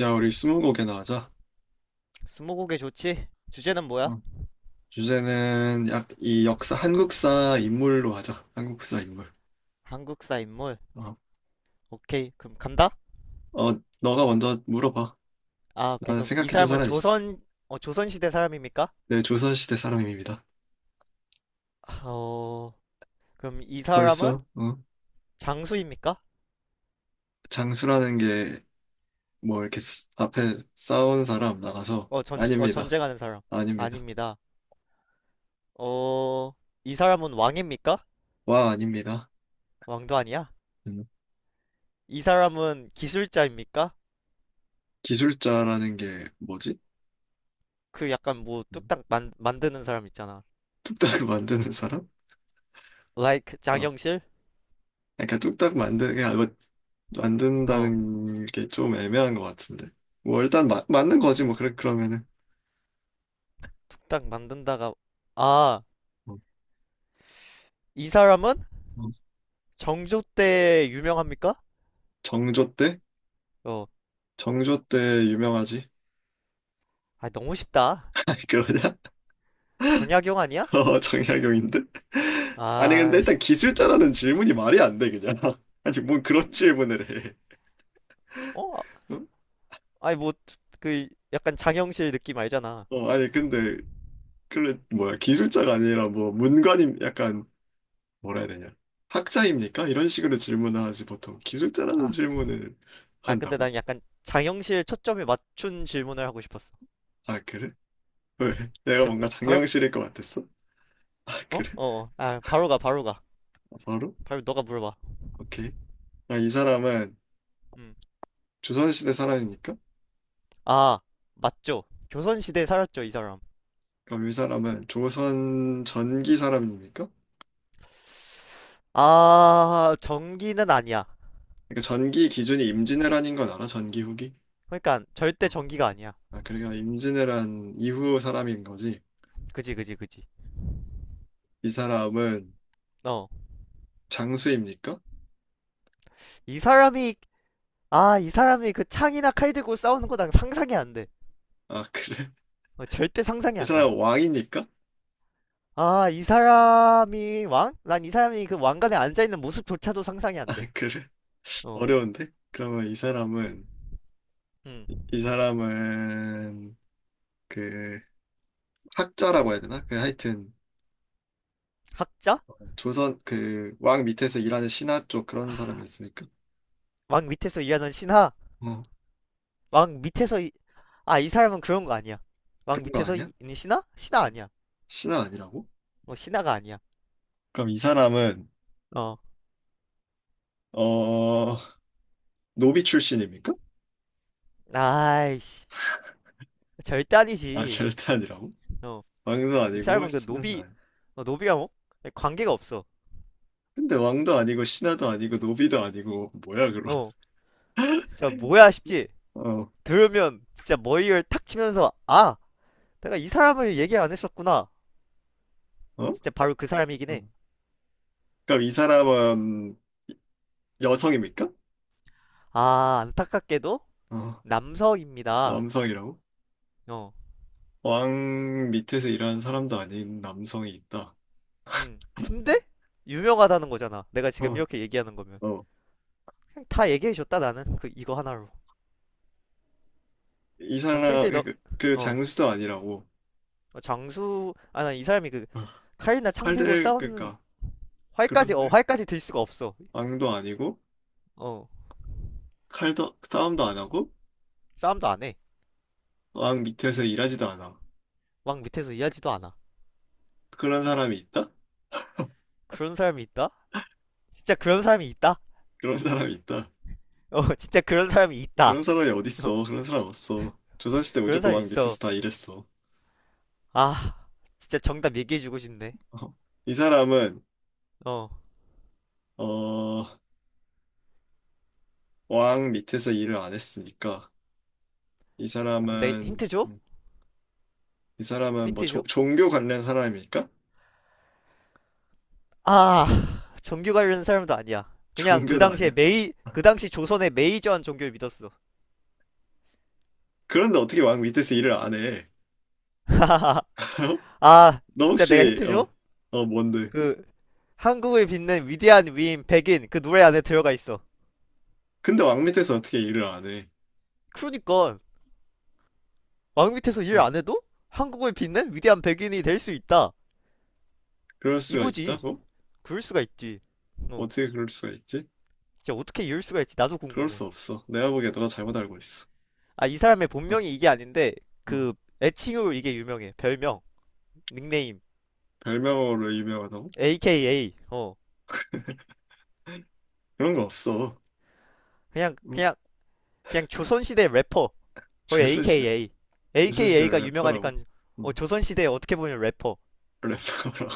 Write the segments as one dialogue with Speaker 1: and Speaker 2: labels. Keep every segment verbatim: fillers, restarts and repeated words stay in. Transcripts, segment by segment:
Speaker 1: 야, 우리 스무고개나 하자.
Speaker 2: 스무고개 좋지? 주제는 뭐야?
Speaker 1: 어. 주제는 약, 이 역사, 한국사 인물로 하자. 한국사 인물.
Speaker 2: 한국사 인물.
Speaker 1: 어,
Speaker 2: 오케이, 그럼 간다?
Speaker 1: 어, 너가 먼저 물어봐.
Speaker 2: 아, 오케이,
Speaker 1: 나는
Speaker 2: 그럼 이
Speaker 1: 생각해둔
Speaker 2: 사람은
Speaker 1: 사람 있어.
Speaker 2: 조선, 어, 조선시대 사람입니까?
Speaker 1: 내 조선시대 사람입니다.
Speaker 2: 아, 어, 그럼 이 사람은
Speaker 1: 벌써, 어?
Speaker 2: 장수입니까?
Speaker 1: 장수라는 게, 뭐, 이렇게 쓰- 앞에 싸운 사람 나가서,
Speaker 2: 어, 전, 어,
Speaker 1: 아닙니다.
Speaker 2: 전쟁하는 사람.
Speaker 1: 아닙니다.
Speaker 2: 아닙니다. 어, 이 사람은 왕입니까?
Speaker 1: 와, 아닙니다.
Speaker 2: 왕도 아니야?
Speaker 1: 음.
Speaker 2: 이 사람은 기술자입니까?
Speaker 1: 기술자라는 게 뭐지?
Speaker 2: 그 약간 뭐
Speaker 1: 음.
Speaker 2: 뚝딱 만, 만드는 사람 있잖아.
Speaker 1: 뚝딱 만드는 사람?
Speaker 2: Like
Speaker 1: 어.
Speaker 2: 장영실?
Speaker 1: 그러니까 뚝딱 만든 그거
Speaker 2: 어,
Speaker 1: 만든다는 게 좀 애매한 것 같은데. 뭐 일단 마, 맞는 거지 뭐 그래 그러면은
Speaker 2: 뚝딱 만든다가, 아,
Speaker 1: 어,
Speaker 2: 이 사람은
Speaker 1: 어.
Speaker 2: 정조 때 유명합니까?
Speaker 1: 정조 때
Speaker 2: 어,
Speaker 1: 정조 때 유명하지.
Speaker 2: 아, 너무 쉽다.
Speaker 1: 아니 그러냐?
Speaker 2: 정약용 아니야?
Speaker 1: 어 정약용인데. 아니 근데
Speaker 2: 아, 씨.
Speaker 1: 일단 기술자라는 질문이 말이 안 돼 그냥. 아니 뭔 그런 질문을 해.
Speaker 2: 어?
Speaker 1: 응?
Speaker 2: 아니, 뭐, 그, 약간 장영실 느낌 알잖아.
Speaker 1: 어 아니 근데 그래 뭐야, 기술자가 아니라 뭐 문관임 약간, 뭐라 해야 되냐, 학자입니까? 이런 식으로 질문을 하지 보통. 기술자라는
Speaker 2: 아,
Speaker 1: 질문을
Speaker 2: 아, 근데
Speaker 1: 한다고?
Speaker 2: 난 약간 장영실 초점에 맞춘 질문을 하고 싶었어.
Speaker 1: 아 그래? 왜?
Speaker 2: 어.
Speaker 1: 내가
Speaker 2: 이제
Speaker 1: 뭔가
Speaker 2: 바, 바로,
Speaker 1: 장영실일 것 같았어? 아,
Speaker 2: 어?
Speaker 1: 그래?
Speaker 2: 어, 어. 아, 바로 가, 바로 가.
Speaker 1: 아, 바로?
Speaker 2: 바로 너가 물어봐.
Speaker 1: 오케이. 아, 이 사람은
Speaker 2: 음.
Speaker 1: 조선시대 사람입니까?
Speaker 2: 아, 맞죠. 조선시대에 살았죠, 이 사람.
Speaker 1: 그럼 이 사람은 조선 전기 사람입니까?
Speaker 2: 아, 전기는 아니야.
Speaker 1: 그러니까 전기 기준이 임진왜란인 건 알아? 전기 후기?
Speaker 2: 그러니까, 절대
Speaker 1: 어.
Speaker 2: 전기가 아니야.
Speaker 1: 아, 그러니까 임진왜란 이후 사람인 거지.
Speaker 2: 그지, 그지, 그지.
Speaker 1: 이 사람은
Speaker 2: 어.
Speaker 1: 장수입니까?
Speaker 2: 이 사람이, 아, 이 사람이 그 창이나 칼 들고 싸우는 거 난 상상이 안 돼.
Speaker 1: 아, 그래?
Speaker 2: 어, 절대 상상이
Speaker 1: 이
Speaker 2: 안 가.
Speaker 1: 사람은 왕입니까?
Speaker 2: 아, 이 사람이 왕? 난 이 사람이 그 왕관에 앉아있는 모습조차도 상상이
Speaker 1: 아,
Speaker 2: 안 돼.
Speaker 1: 그래?
Speaker 2: 어,
Speaker 1: 어려운데? 그러면 이 사람은,
Speaker 2: 음.
Speaker 1: 이 사람은, 그, 학자라고 해야 되나? 그 하여튼,
Speaker 2: 학자?
Speaker 1: 조선 그 왕 밑에서 일하는 신하 쪽 그런 사람이었으니까.
Speaker 2: 왕 밑에서 일하는 신하?
Speaker 1: 어,
Speaker 2: 왕 밑에서, 이... 아, 이 사람은 그런 거 아니야. 왕
Speaker 1: 그런 거
Speaker 2: 밑에서 이-
Speaker 1: 아니야?
Speaker 2: 있는 신하? 신하 아니야.
Speaker 1: 신하 아니라고?
Speaker 2: 어, 신하가 아니야.
Speaker 1: 그럼 이 사람은
Speaker 2: 어,
Speaker 1: 어 노비 출신입니까?
Speaker 2: 아이씨. 절대
Speaker 1: 아
Speaker 2: 아니지.
Speaker 1: 절대 아니라고?
Speaker 2: 어,
Speaker 1: 왕도
Speaker 2: 이
Speaker 1: 아니고
Speaker 2: 사람은 그
Speaker 1: 신하도
Speaker 2: 노비,
Speaker 1: 아니고.
Speaker 2: 어, 노비가 뭐? 관계가 없어.
Speaker 1: 근데 왕도 아니고 신하도 아니고 노비도 아니고 뭐야 그럼?
Speaker 2: 어, 진짜 뭐야 싶지?
Speaker 1: 어,
Speaker 2: 들으면 진짜 머리를 탁 치면서, 아! 내가 이 사람을 얘기 안 했었구나.
Speaker 1: 어?
Speaker 2: 진짜 바로 그 사람이긴
Speaker 1: 어.
Speaker 2: 해.
Speaker 1: 그럼 이 사람은 여성입니까?
Speaker 2: 아, 안타깝게도
Speaker 1: 어,
Speaker 2: 남성입니다.
Speaker 1: 남성이라고?
Speaker 2: 어,
Speaker 1: 왕 밑에서 일하는 사람도 아닌 남성이 있다.
Speaker 2: 음. 근데 유명하다는 거잖아. 내가 지금
Speaker 1: 어,
Speaker 2: 이렇게 얘기하는 거면
Speaker 1: 어.
Speaker 2: 그냥 다 얘기해 줬다 나는 그 이거 하나로.
Speaker 1: 이
Speaker 2: 난
Speaker 1: 사람,
Speaker 2: 슬슬 너,
Speaker 1: 그, 그
Speaker 2: 어,
Speaker 1: 장수도 아니라고.
Speaker 2: 어, 장수, 아, 난 이 사람이 그
Speaker 1: 아,
Speaker 2: 칼이나 창 들고
Speaker 1: 칼들
Speaker 2: 싸우는
Speaker 1: 그러니까
Speaker 2: 활까지, 어,
Speaker 1: 그런데
Speaker 2: 활까지 들 수가 없어.
Speaker 1: 왕도 아니고
Speaker 2: 어,
Speaker 1: 칼도 싸움도 안 하고
Speaker 2: 싸움도 안 해.
Speaker 1: 왕 밑에서 일하지도 않아.
Speaker 2: 막 밑에서 이해하지도 않아.
Speaker 1: 그런 사람이 있다?
Speaker 2: 그런 사람이 있다? 진짜 그런 사람이 있다?
Speaker 1: 그런 사람이 있다.
Speaker 2: 어, 진짜 그런 사람이 있다.
Speaker 1: 그런 사람이
Speaker 2: 어,
Speaker 1: 어딨어? 그런 사람 없어. 조선시대
Speaker 2: 그런
Speaker 1: 무조건
Speaker 2: 사람이
Speaker 1: 왕 밑에서
Speaker 2: 있어.
Speaker 1: 다 일했어.
Speaker 2: 아, 진짜 정답 얘기해주고 싶네.
Speaker 1: 어, 이 사람은
Speaker 2: 어.
Speaker 1: 어, 왕 밑에서 일을 안 했으니까 이
Speaker 2: 근데
Speaker 1: 사람은
Speaker 2: 힌트 줘?
Speaker 1: 음, 이 사람은 뭐
Speaker 2: 힌트
Speaker 1: 조-
Speaker 2: 줘?
Speaker 1: 종교 관련 사람입니까?
Speaker 2: 아, 종교 관련 사람도 아니야. 그냥 그
Speaker 1: 종교도
Speaker 2: 당시에
Speaker 1: 아니야?
Speaker 2: 메이, 그 당시 조선의 메이저한 종교를 믿었어.
Speaker 1: 그런데 어떻게 왕 밑에서 일을 안 해?
Speaker 2: 아,
Speaker 1: 너
Speaker 2: 진짜 내가
Speaker 1: 혹시
Speaker 2: 힌트 줘?
Speaker 1: 어, 어 뭔데?
Speaker 2: 그, 한국을 빛낸 위대한 위인 백인 그 노래 안에 들어가 있어.
Speaker 1: 근데 왕 밑에서 어떻게 일을 안 해?
Speaker 2: 그러니까, 왕 밑에서 일
Speaker 1: 어,
Speaker 2: 안 해도 한국을 빛낸 위대한 백인이 될 수 있다.
Speaker 1: 그럴 수가
Speaker 2: 이거지.
Speaker 1: 있다고?
Speaker 2: 그럴 수가 있지. 어,
Speaker 1: 어떻게 그럴 수가 있지?
Speaker 2: 진짜 어떻게 이럴 수가 있지? 나도
Speaker 1: 그럴
Speaker 2: 궁금해.
Speaker 1: 수 없어. 내가 보기에 너가 잘못 알고 있어.
Speaker 2: 아, 이 사람의
Speaker 1: 어,
Speaker 2: 본명이 이게 아닌데,
Speaker 1: 어.
Speaker 2: 그, 애칭으로 이게 유명해. 별명, 닉네임.
Speaker 1: 별명으로 유명하다고?
Speaker 2: 에이케이에이 어,
Speaker 1: 그런 거 없어.
Speaker 2: 그냥
Speaker 1: 응?
Speaker 2: 그냥 그냥 조선시대 래퍼, 거의
Speaker 1: 조선시대,
Speaker 2: AKA
Speaker 1: 조선시대를
Speaker 2: AKA가 유명하니까,
Speaker 1: 래퍼라고?
Speaker 2: 어,
Speaker 1: 어,
Speaker 2: 조선시대 어떻게 보면 래퍼.
Speaker 1: 래퍼라고.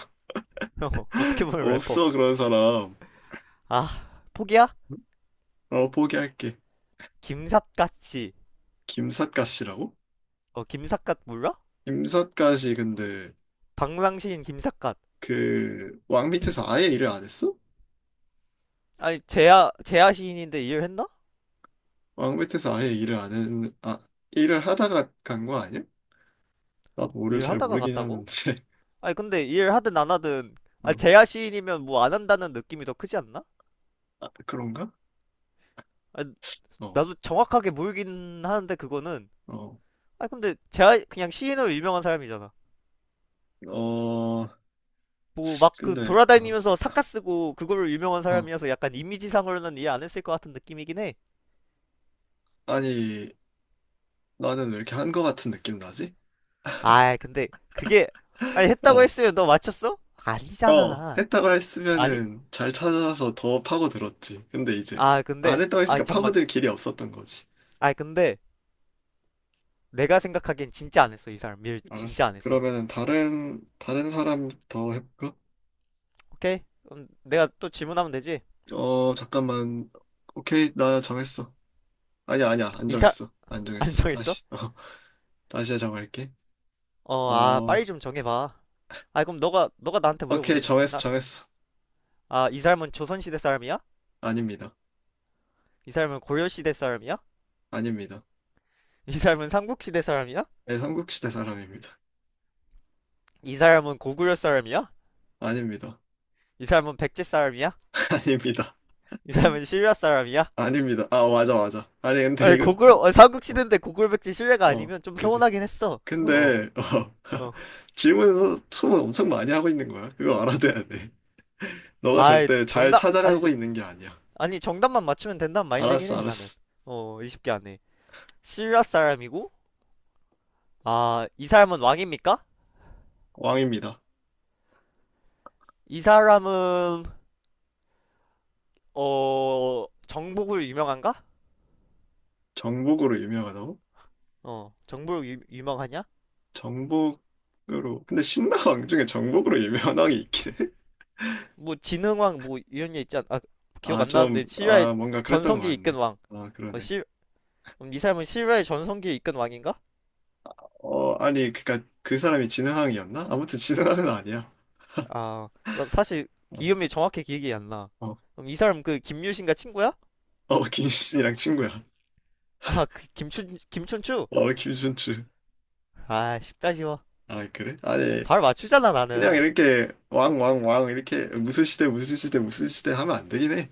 Speaker 2: 어, 어떻게 보면 래퍼.
Speaker 1: 없어, 그런 사람.
Speaker 2: 아 포기야?
Speaker 1: 어, 포기할게.
Speaker 2: 김삿갓씨.
Speaker 1: 김삿갓이라고?
Speaker 2: 어 김삿갓 몰라?
Speaker 1: 김삿갓이 근데
Speaker 2: 방랑시인 김삿갓.
Speaker 1: 그 왕 밑에서 아예 일을 안 했어?
Speaker 2: 아니 재야 재야 시인인데 일했나?
Speaker 1: 왕 밑에서 아예 일을 안 했는, 아, 일을 하다가 간 거 아니야? 나도 모를 잘
Speaker 2: 일하다가
Speaker 1: 모르긴 하는데
Speaker 2: 갔다고? 아니 근데 일하든 안 하든, 아
Speaker 1: 어,
Speaker 2: 재야 시인이면 뭐 안 한다는 느낌이 더 크지 않나?
Speaker 1: 아, 그런가?
Speaker 2: 아,
Speaker 1: 어,
Speaker 2: 나도 정확하게 모르긴 하는데 그거는.
Speaker 1: 어,
Speaker 2: 아 근데 재야 그냥 시인으로 유명한 사람이잖아.
Speaker 1: 어,
Speaker 2: 뭐 막 그
Speaker 1: 근데, 어,
Speaker 2: 돌아다니면서 사카 쓰고 그걸로 유명한
Speaker 1: 어,
Speaker 2: 사람이어서 약간 이미지상으로는 이해 안 했을 것 같은 느낌이긴 해.
Speaker 1: 아니, 나는 왜 이렇게 한 거 같은 느낌 나지?
Speaker 2: 아, 근데 그게, 아니 했다고
Speaker 1: 어,
Speaker 2: 했으면 너 맞췄어?
Speaker 1: 어,
Speaker 2: 아니잖아.
Speaker 1: 했다가
Speaker 2: 아니?
Speaker 1: 했으면은 잘 찾아서 더 파고들었지. 근데 이제
Speaker 2: 아,
Speaker 1: 안
Speaker 2: 근데
Speaker 1: 했다가
Speaker 2: 아
Speaker 1: 했으니까
Speaker 2: 잠만.
Speaker 1: 파고들 길이 없었던 거지.
Speaker 2: 아, 근데 내가 생각하기엔 진짜 안 했어, 이 사람. 밀 진짜
Speaker 1: 알았어.
Speaker 2: 안 했어.
Speaker 1: 그러면은
Speaker 2: 어,
Speaker 1: 다른, 다른 사람 더 해볼까?
Speaker 2: 오케이. 그럼 내가 또 질문하면 되지.
Speaker 1: 어, 잠깐만. 오케이, 나 정했어. 아니야, 아니야, 안
Speaker 2: 이 사, 람
Speaker 1: 정했어. 안
Speaker 2: 안
Speaker 1: 정했어.
Speaker 2: 정했어?
Speaker 1: 다시, 어, 다시 정할게.
Speaker 2: 어, 아,
Speaker 1: 어,
Speaker 2: 빨리 좀 정해봐. 아, 그럼 너가 너가 나한테
Speaker 1: 오케이,
Speaker 2: 물어보든지.
Speaker 1: 정했어,
Speaker 2: 나,
Speaker 1: 정했어.
Speaker 2: 아, 이 사람은 조선시대 사람이야?
Speaker 1: 아닙니다.
Speaker 2: 이 사람은 고려시대 사람이야?
Speaker 1: 아닙니다.
Speaker 2: 이 사람은 삼국시대 사람이야?
Speaker 1: 네, 삼국시대 사람입니다.
Speaker 2: 이 사람은 고구려 사람이야?
Speaker 1: 아닙니다.
Speaker 2: 이 사람은 백제 사람이야?
Speaker 1: 아닙니다.
Speaker 2: 이 사람은 신라 사람이야?
Speaker 1: 아닙니다. 아, 맞아, 맞아. 아니, 근데
Speaker 2: 아니
Speaker 1: 이거,
Speaker 2: 고구려, 어,
Speaker 1: 어,
Speaker 2: 삼국시대인데 고구려 백제 신라가
Speaker 1: 어,
Speaker 2: 아니면 좀
Speaker 1: 그지.
Speaker 2: 서운하긴 했어. 어,
Speaker 1: 근데, 어,
Speaker 2: 어.
Speaker 1: 질문에서 소문 엄청 많이 하고 있는 거야. 그거 알아둬야 돼. 너가
Speaker 2: 아이
Speaker 1: 절대 잘
Speaker 2: 정답 아니
Speaker 1: 찾아가고 있는 게 아니야.
Speaker 2: 아니 정답만 맞추면 된다는 마인드긴
Speaker 1: 알았어,
Speaker 2: 해 나는.
Speaker 1: 알았어.
Speaker 2: 어, 이십 개 안에. 신라 사람이고, 아, 이 사람은 왕입니까?
Speaker 1: 왕입니다.
Speaker 2: 이 사람은 어 정복으로 유명한가?
Speaker 1: 정복으로 유명하다고?
Speaker 2: 어, 정복으로 유, 유명하냐?
Speaker 1: 정복으로. 근데 신라왕 중에 정복으로 유명한 왕이 있긴 해?
Speaker 2: 뭐 지능왕 뭐 이런 게 있지 않? 아 기억
Speaker 1: 아,
Speaker 2: 안
Speaker 1: 좀,
Speaker 2: 나는데 실화의
Speaker 1: 아, 뭔가 그랬던 것
Speaker 2: 전성기에 이끈
Speaker 1: 같네.
Speaker 2: 왕.
Speaker 1: 아,
Speaker 2: 어,
Speaker 1: 그러네.
Speaker 2: 실, 음, 이 사람은 실화의 전성기에 이끈 왕인가?
Speaker 1: 어, 아니, 그니까 그 사람이 진흥왕이었나? 아무튼 진흥왕은 아니야.
Speaker 2: 아, 나 사실
Speaker 1: 어,
Speaker 2: 이름이 정확히 기억이 안 나.
Speaker 1: 어,
Speaker 2: 그럼 이 사람 그 김유신가 친구야?
Speaker 1: 어, 김유신이랑 친구야.
Speaker 2: 아, 그 김춘 김춘추?
Speaker 1: 어, 김춘추.
Speaker 2: 아, 쉽다 쉬워.
Speaker 1: 아, 그래? 아니,
Speaker 2: 바로 맞추잖아
Speaker 1: 그냥
Speaker 2: 나는.
Speaker 1: 이렇게 왕, 왕, 왕, 이렇게 무슨 시대, 무슨 시대, 무슨 시대 하면 안 되긴 해.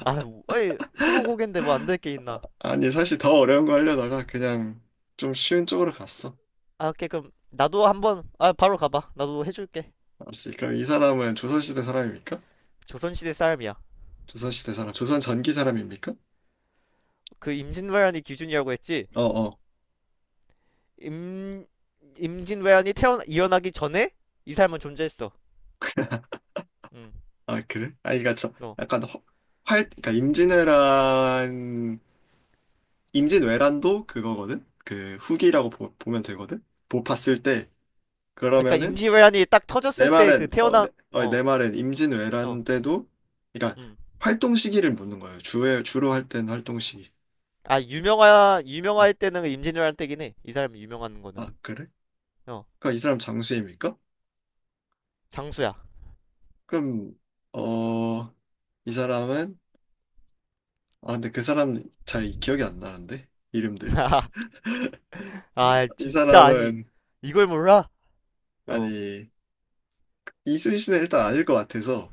Speaker 2: 아, 뭐, 어이 스무고개인데 뭐 안될게 있나?
Speaker 1: 아니, 사실 더 어려운 거 하려다가 그냥 좀 쉬운 쪽으로 갔어.
Speaker 2: 아, 오케이 그럼 나도 한번, 아 바로 가봐. 나도 해줄게.
Speaker 1: 알았지. 그럼 이 사람은 조선시대 사람입니까?
Speaker 2: 조선시대 사람이야.
Speaker 1: 조선시대 사람, 조선 전기 사람입니까?
Speaker 2: 그 임진왜란이 기준이라고 했지?
Speaker 1: 어, 어.
Speaker 2: 임 임진왜란이 태어나 일어나기 전에 이 사람은 존재했어. 응.
Speaker 1: 아, 그래? 아니, 그니까 저,
Speaker 2: 어.
Speaker 1: 약간 허, 활, 그니까 임진왜란 임진왜란도 그거거든? 그 후기라고 보, 면 되거든? 보 봤을 때
Speaker 2: 그러니까
Speaker 1: 그러면은
Speaker 2: 임진왜란이 딱 터졌을
Speaker 1: 내
Speaker 2: 때 그
Speaker 1: 말은 어,
Speaker 2: 태어난,
Speaker 1: 내, 어,
Speaker 2: 어,
Speaker 1: 내 말은
Speaker 2: 어,
Speaker 1: 임진왜란 때도 그러니까
Speaker 2: 음.
Speaker 1: 활동 시기를 묻는 거예요. 주에 주로 할 때는 활동 시기.
Speaker 2: 아 유명하
Speaker 1: 음.
Speaker 2: 유명할 때는 그 임진왜란 때긴 해. 이 사람이 유명한 거는,
Speaker 1: 아, 그래?
Speaker 2: 어,
Speaker 1: 그럼 이 사람 장수입니까?
Speaker 2: 장수야.
Speaker 1: 그럼 어, 이 사람은 아, 근데 그 사람 잘 기억이 안 나는데, 이름들. 이,
Speaker 2: 아
Speaker 1: 사- 이
Speaker 2: 진짜, 아니
Speaker 1: 사람은
Speaker 2: 이걸 몰라? 어.
Speaker 1: 아니 이순신은 일단 아닐 것 같아서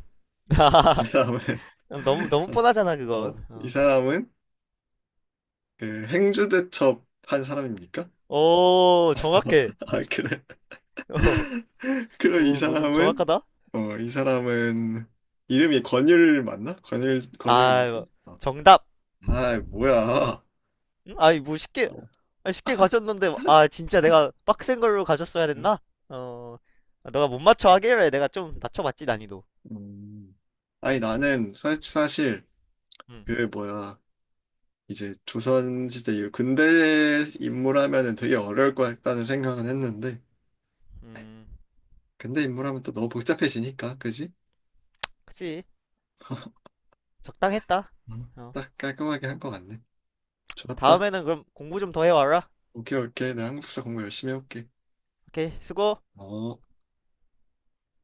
Speaker 1: 이 사람은
Speaker 2: 너무 너무 뻔하잖아
Speaker 1: 어,
Speaker 2: 그건.
Speaker 1: 어, 이
Speaker 2: 어.
Speaker 1: 사람은 그 행주대첩 한 사람입니까?
Speaker 2: 오 정확해.
Speaker 1: 아, 그래.
Speaker 2: 어,
Speaker 1: 그럼 이
Speaker 2: 어, 너 좀
Speaker 1: 사람은,
Speaker 2: 정확하다.
Speaker 1: 어, 이 사람은, 이름이 권율 맞나? 권율, 권율입니까?
Speaker 2: 아
Speaker 1: 어.
Speaker 2: 정답.
Speaker 1: 아, 뭐야.
Speaker 2: 음? 아니 뭐 쉽게,
Speaker 1: 어.
Speaker 2: 아, 쉽게 가졌는데 아 진짜 내가 빡센 걸로 가졌어야
Speaker 1: 응?
Speaker 2: 됐나? 어. 아, 너가 못 맞춰 하길래 내가 좀 낮춰봤지 난이도.
Speaker 1: 음. 아니,
Speaker 2: 음,
Speaker 1: 나는 사, 사실,
Speaker 2: 음,
Speaker 1: 그, 뭐야. 이제 조선시대 이후 근대 인물 하면은 되게 어려울 것 같다는 생각은 했는데,
Speaker 2: 음.
Speaker 1: 근대 인물 하면 또 너무 복잡해지니까, 그지?
Speaker 2: 그치, 적당했다.
Speaker 1: 음.
Speaker 2: 어.
Speaker 1: 딱 깔끔하게 한 것 같네. 좋았다.
Speaker 2: 다음에는 그럼 공부 좀 더 해와라.
Speaker 1: 오케이, 오케이. 나 한국사 공부 열심히 해볼게.
Speaker 2: 오케이 수고.
Speaker 1: 어.